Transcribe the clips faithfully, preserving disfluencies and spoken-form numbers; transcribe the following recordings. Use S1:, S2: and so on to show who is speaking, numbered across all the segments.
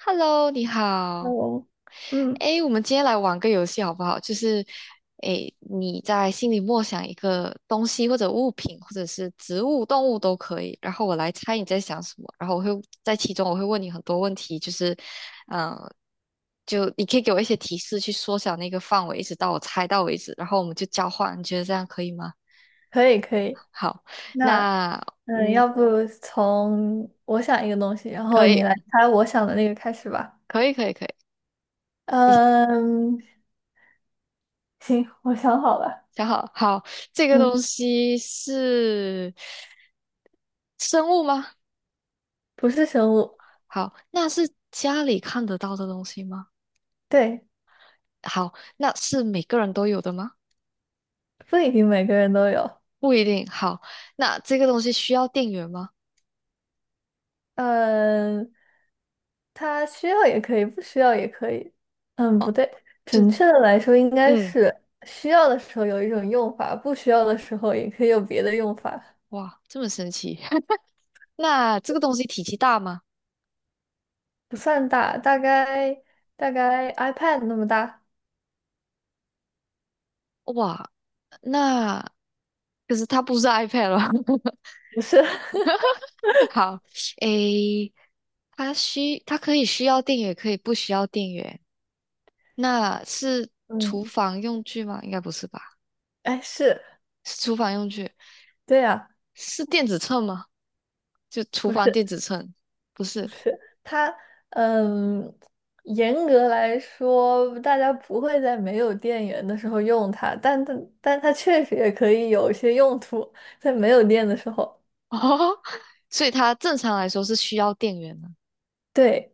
S1: Hello，你
S2: 那
S1: 好。
S2: 我，嗯，
S1: 诶，我们今天来玩个游戏好不好？就是，诶，你在心里默想一个东西或者物品，或者是植物、动物都可以，然后我来猜你在想什么，然后我会在其中我会问你很多问题，就是，嗯、就你可以给我一些提示去缩小那个范围，一直到我猜到为止，然后我们就交换，你觉得这样可以吗？
S2: 可以可以。
S1: 好，
S2: 那
S1: 那
S2: 嗯，
S1: 嗯，
S2: 要不从我想一个东西，然后
S1: 可
S2: 你
S1: 以，
S2: 来猜我想的那个开始吧。
S1: 可以，可以，可以。
S2: 嗯，行，我想好了。
S1: 想好，好，这个东
S2: 嗯，
S1: 西是生物吗？
S2: 不是生物。
S1: 好，那是家里看得到的东西吗？
S2: 对，
S1: 好，那是每个人都有的吗？
S2: 不一定每个人都有。
S1: 不一定。好，那这个东西需要电源吗？
S2: 嗯，它需要也可以，不需要也可以。嗯，不
S1: 哦，
S2: 对，
S1: 就
S2: 准确的来说应该
S1: 嗯，
S2: 是需要的时候有一种用法，不需要的时候也可以有别的用法。
S1: 哇，这么神奇。那这个东西体积大吗？
S2: 不算大，大概大概 iPad 那么大，
S1: 哇，那可是它不是 iPad 了。
S2: 不是。
S1: 好，诶，它需它可以需要电源，也可以不需要电源。那是
S2: 嗯，
S1: 厨房用具吗？应该不是吧？
S2: 哎，是，
S1: 是厨房用具，
S2: 对呀，
S1: 是电子秤吗？就厨
S2: 不
S1: 房
S2: 是，
S1: 电子秤，不
S2: 不
S1: 是
S2: 是，它，嗯，严格来说，大家不会在没有电源的时候用它，但但但它确实也可以有一些用途，在没有电的时候。
S1: 哦，所以它正常来说是需要电源的。
S2: 对，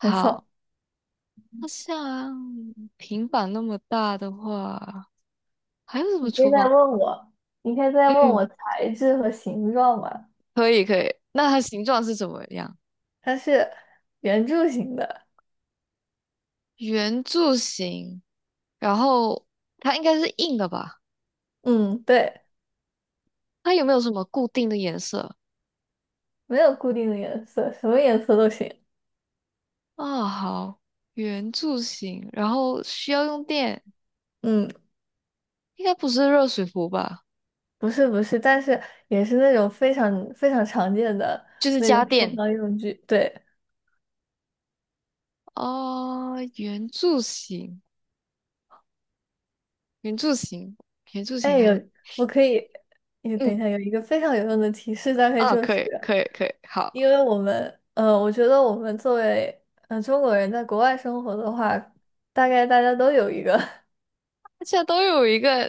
S2: 没错。
S1: 那像平板那么大的话，还有什么
S2: 你可以
S1: 厨
S2: 再
S1: 房？
S2: 问我，你可以再问
S1: 嗯，
S2: 我材质和形状嘛？
S1: 可以可以。那它形状是怎么样？
S2: 它是圆柱形的。
S1: 圆柱形，然后它应该是硬的吧？
S2: 嗯，对。
S1: 它有没有什么固定的颜色？
S2: 没有固定的颜色，什么颜色都行。
S1: 啊，好，圆柱形，然后需要用电，
S2: 嗯，
S1: 应该不是热水壶吧？
S2: 不是不是，但是也是那种非常非常常见的
S1: 就是
S2: 那种
S1: 家
S2: 厨
S1: 电。
S2: 房用具。对，
S1: 哦，圆柱形，圆柱形，圆柱形
S2: 哎，
S1: 还，
S2: 有我可以，也等一下
S1: 嗯，
S2: 有一个非常有用的提示，大概
S1: 啊，
S2: 就
S1: 可
S2: 是
S1: 以，可以，可以，
S2: 因
S1: 好，
S2: 为我们，呃，我觉得我们作为呃中国人在国外生活的话，大概大家都有一个。
S1: 大家都有一个，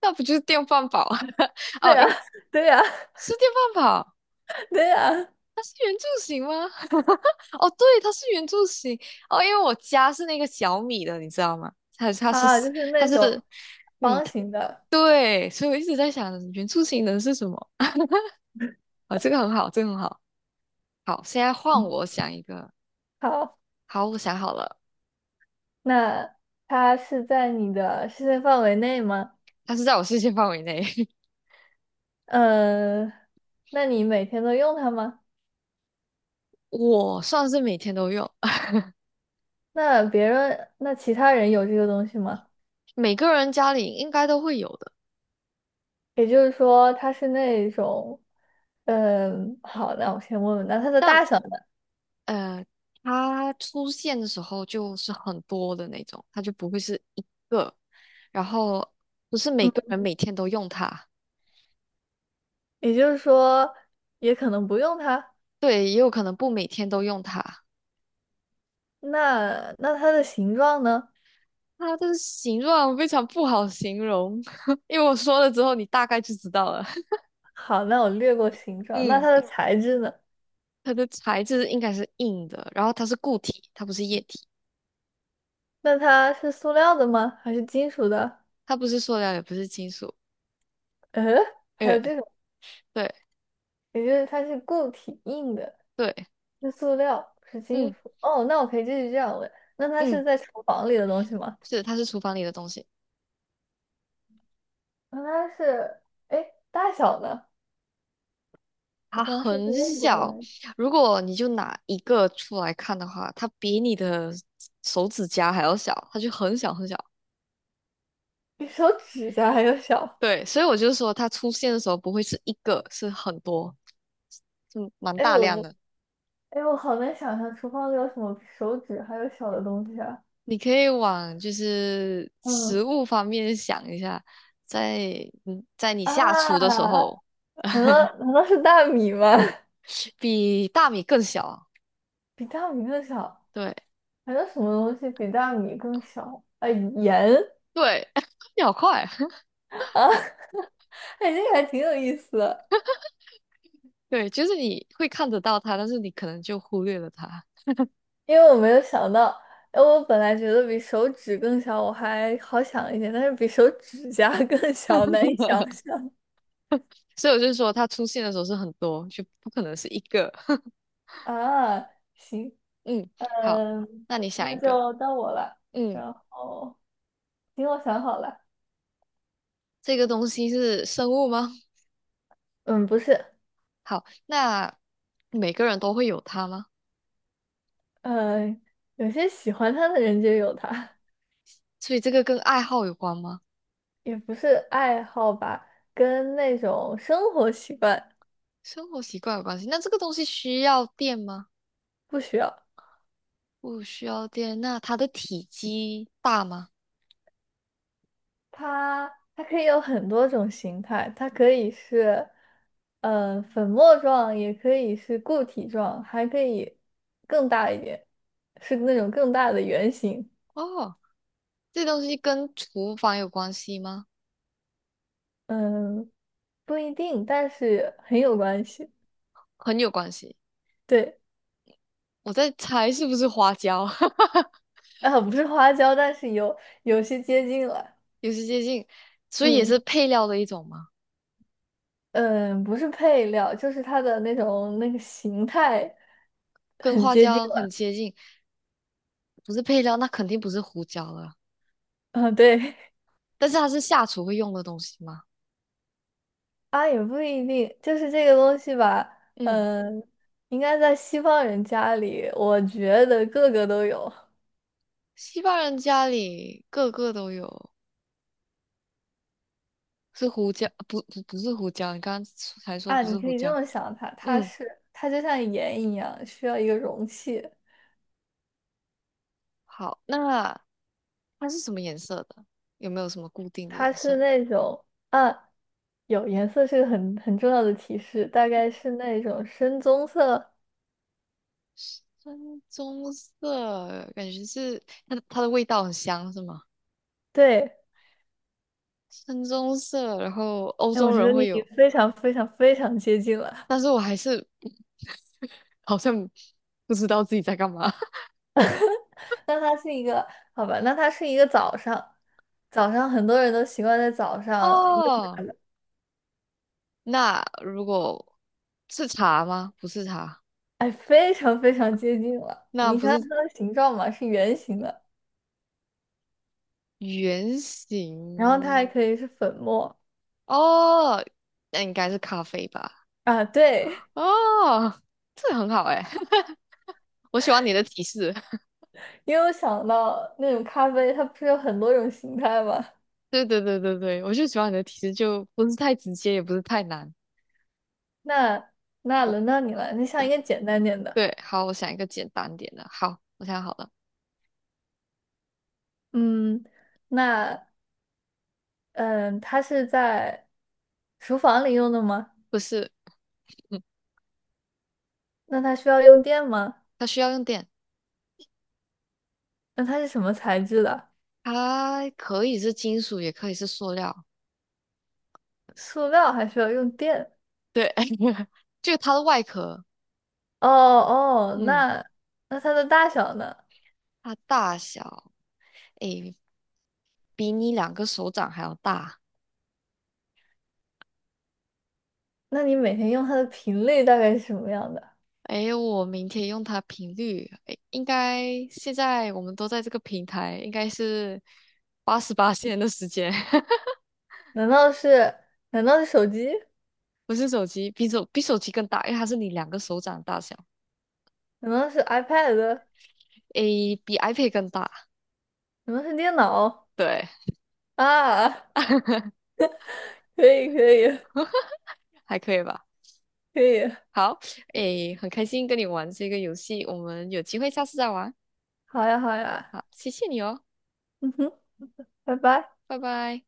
S1: 那不就是电饭煲？
S2: 对
S1: 哦，
S2: 呀，
S1: 应
S2: 对呀，
S1: 是电饭煲，
S2: 对呀。
S1: 它是圆柱形吗？哦，对，它是圆柱形。哦，因为我家是那个小米的，你知道吗？它 它是
S2: 啊，就是
S1: 它
S2: 那种
S1: 是，嗯，
S2: 方形的。
S1: 对，所以我一直在想原住型人是什么啊？这个很好，这个很好。好，现在换
S2: 嗯，
S1: 我想一个。
S2: 好。
S1: 好，我想好了，
S2: 那它是在你的视线范围内吗？
S1: 它是在我视线范围内，
S2: 嗯，那你每天都用它吗？
S1: 我算是每天都用，
S2: 那别人，那其他人有这个东西吗？
S1: 每个人家里应该都会有的。
S2: 也就是说，它是那种，嗯，好，那我先问问，那它的
S1: 但
S2: 大小呢？
S1: 呃，它出现的时候就是很多的那种，它就不会是一个，然后不是每个人每天都用它，
S2: 也就是说，也可能不用它。
S1: 对，也有可能不每天都用它。
S2: 那那它的形状呢？
S1: 它的形状非常不好形容，因为我说了之后，你大概就知道了。
S2: 好，那我略 过形状。那
S1: 嗯，
S2: 它的材质呢？
S1: 它的材质应该是硬的，然后它是固体，它不是液体，
S2: 那它是塑料的吗？还是金属的？
S1: 它不是塑料，也不是金属。
S2: 呃，还
S1: 呃，
S2: 有这种，
S1: 对
S2: 也就是它是固体硬的。
S1: 对，
S2: 是塑料，是金
S1: 嗯
S2: 属。哦，那我可以继续这样问，那它
S1: 嗯，
S2: 是在厨房里的东西吗？
S1: 是，它是厨房里的东西，
S2: 那它是，哎，大小呢？我
S1: 它
S2: 刚刚是不是
S1: 很
S2: 问过了来
S1: 小。
S2: 着。
S1: 如果你就拿一个出来看的话，它比你的手指甲还要小，它就很小很小。
S2: 比手指甲还要小。
S1: 对，所以我就说它出现的时候不会是一个，是很多，是 蛮
S2: 哎，
S1: 大
S2: 我
S1: 量
S2: 不，
S1: 的。
S2: 哎，我好难想象厨房里有什么比手指还有小的东西啊。
S1: 你可以往就是
S2: 嗯
S1: 食物方面想一下，在嗯，在你下厨的时
S2: 啊，
S1: 候，
S2: 难道难道是大米吗？
S1: 比大米更小啊，
S2: 比大米更小，
S1: 对
S2: 还有什么东西比大米更小？啊，盐。
S1: 对，秒快，
S2: 啊，哎，这个还挺有意思的。
S1: 对，就是你会看得到它，但是你可能就忽略了它，
S2: 因为我没有想到，哎，我本来觉得比手指更小，我还好想一点，但是比手指甲 更小，难以想 象
S1: 所以我就说它出现的时候是很多，就不可能是一个。
S2: 啊。行。
S1: 嗯，好，
S2: 嗯，
S1: 那你想
S2: 那
S1: 一个，
S2: 就到我了。
S1: 嗯，
S2: 然后，行，我想好了。
S1: 这个东西是生物吗？
S2: 嗯，不是。
S1: 好，那每个人都会有它吗？
S2: 嗯，有些喜欢他的人就有他，
S1: 所以这个跟爱好有关吗？
S2: 也不是爱好吧，跟那种生活习惯
S1: 生活习惯有关系。那这个东西需要电吗？
S2: 不需要。
S1: 不需要电。那它的体积大吗？
S2: 它它可以有很多种形态，它可以是呃粉末状，也可以是固体状，还可以更大一点，是那种更大的圆形。
S1: 哦，这东西跟厨房有关系吗？
S2: 嗯，不一定，但是很有关系。
S1: 很有关系。
S2: 对，
S1: 我在猜是不是花椒，
S2: 啊，不是花椒，但是有有些接近了。
S1: 有些接近，所以也是
S2: 嗯
S1: 配料的一种嘛，
S2: 嗯，不是配料，就是它的那种那个形态
S1: 跟
S2: 很
S1: 花
S2: 接近
S1: 椒很
S2: 了。
S1: 接近。不是配料，那肯定不是胡椒了。
S2: 啊，对。
S1: 但是它是下厨会用的东西吗？
S2: 啊，也不一定，就是这个东西吧。
S1: 嗯，
S2: 嗯，应该在西方人家里，我觉得个个都有
S1: 西方人家里个个都有，是胡椒，不不不是胡椒，你刚刚才说
S2: 啊。
S1: 不
S2: 你
S1: 是
S2: 可
S1: 胡
S2: 以这
S1: 椒。
S2: 么想它，它
S1: 嗯。
S2: 是它就像盐一样，需要一个容器。
S1: 好，那它是什么颜色的？有没有什么固定的
S2: 它
S1: 颜
S2: 是
S1: 色？
S2: 那种啊，有颜色是个很很重要的提示，大概是那种深棕色。
S1: 深棕色，感觉是它的它的味道很香，是吗？
S2: 对，
S1: 深棕色，然后欧
S2: 哎，我
S1: 洲
S2: 觉
S1: 人
S2: 得你
S1: 会
S2: 已
S1: 有，
S2: 经非常非常非常接近了。
S1: 但是我还是 好像不知道自己在干嘛。
S2: 那它是一个，好吧，那它是一个早上，早上很多人都习惯在早 上。
S1: 哦，那如果是茶吗？不是茶，
S2: 哎，非常非常接近了。
S1: 那
S2: 你
S1: 不
S2: 想想
S1: 是
S2: 它的形状嘛，是圆形的，
S1: 圆
S2: 然后它还
S1: 形
S2: 可以是粉末
S1: 哦，那应该是咖啡吧？
S2: 啊。对，
S1: 哦，这很好哎，我喜欢你的提示。
S2: 因为我想到那种咖啡，它不是有很多种形态吗？
S1: 对对对对对，我就喜欢你的提示，就不是太直接，也不是太难。
S2: 那那
S1: 我
S2: 轮到你了，你想一
S1: 我
S2: 个简单点的。
S1: 对，好，我想一个简单点的。好，我想好了，
S2: 嗯，那嗯，它是在厨房里用的吗？
S1: 不是，
S2: 那它需要用电吗？
S1: 它需要用电，
S2: 那它是什么材质的？
S1: 它可以是金属，也可以是塑料。
S2: 塑料还需要用电？
S1: 对，就它的外壳，
S2: 哦哦，
S1: 嗯，
S2: 那那它的大小呢？
S1: 它大小，诶，比你两个手掌还要大。
S2: 那你每天用它的频率大概是什么样的？
S1: 诶，我明天用它频率，诶，应该现在我们都在这个平台，应该是八十八线的时间。
S2: 难道是难道是手机？
S1: 不是手机，比手比手机更大，因为它是你两个手掌大小，
S2: 难道是 iPad？
S1: 诶，比 iPad 更大，
S2: 难道是电脑？
S1: 对，
S2: 啊，可以可以
S1: 还可以吧？
S2: 可以，
S1: 好，诶，很开心跟你玩这个游戏，我们有机会下次再玩。
S2: 好呀好呀，
S1: 好，谢谢你哦，
S2: 嗯哼，拜拜。
S1: 拜拜。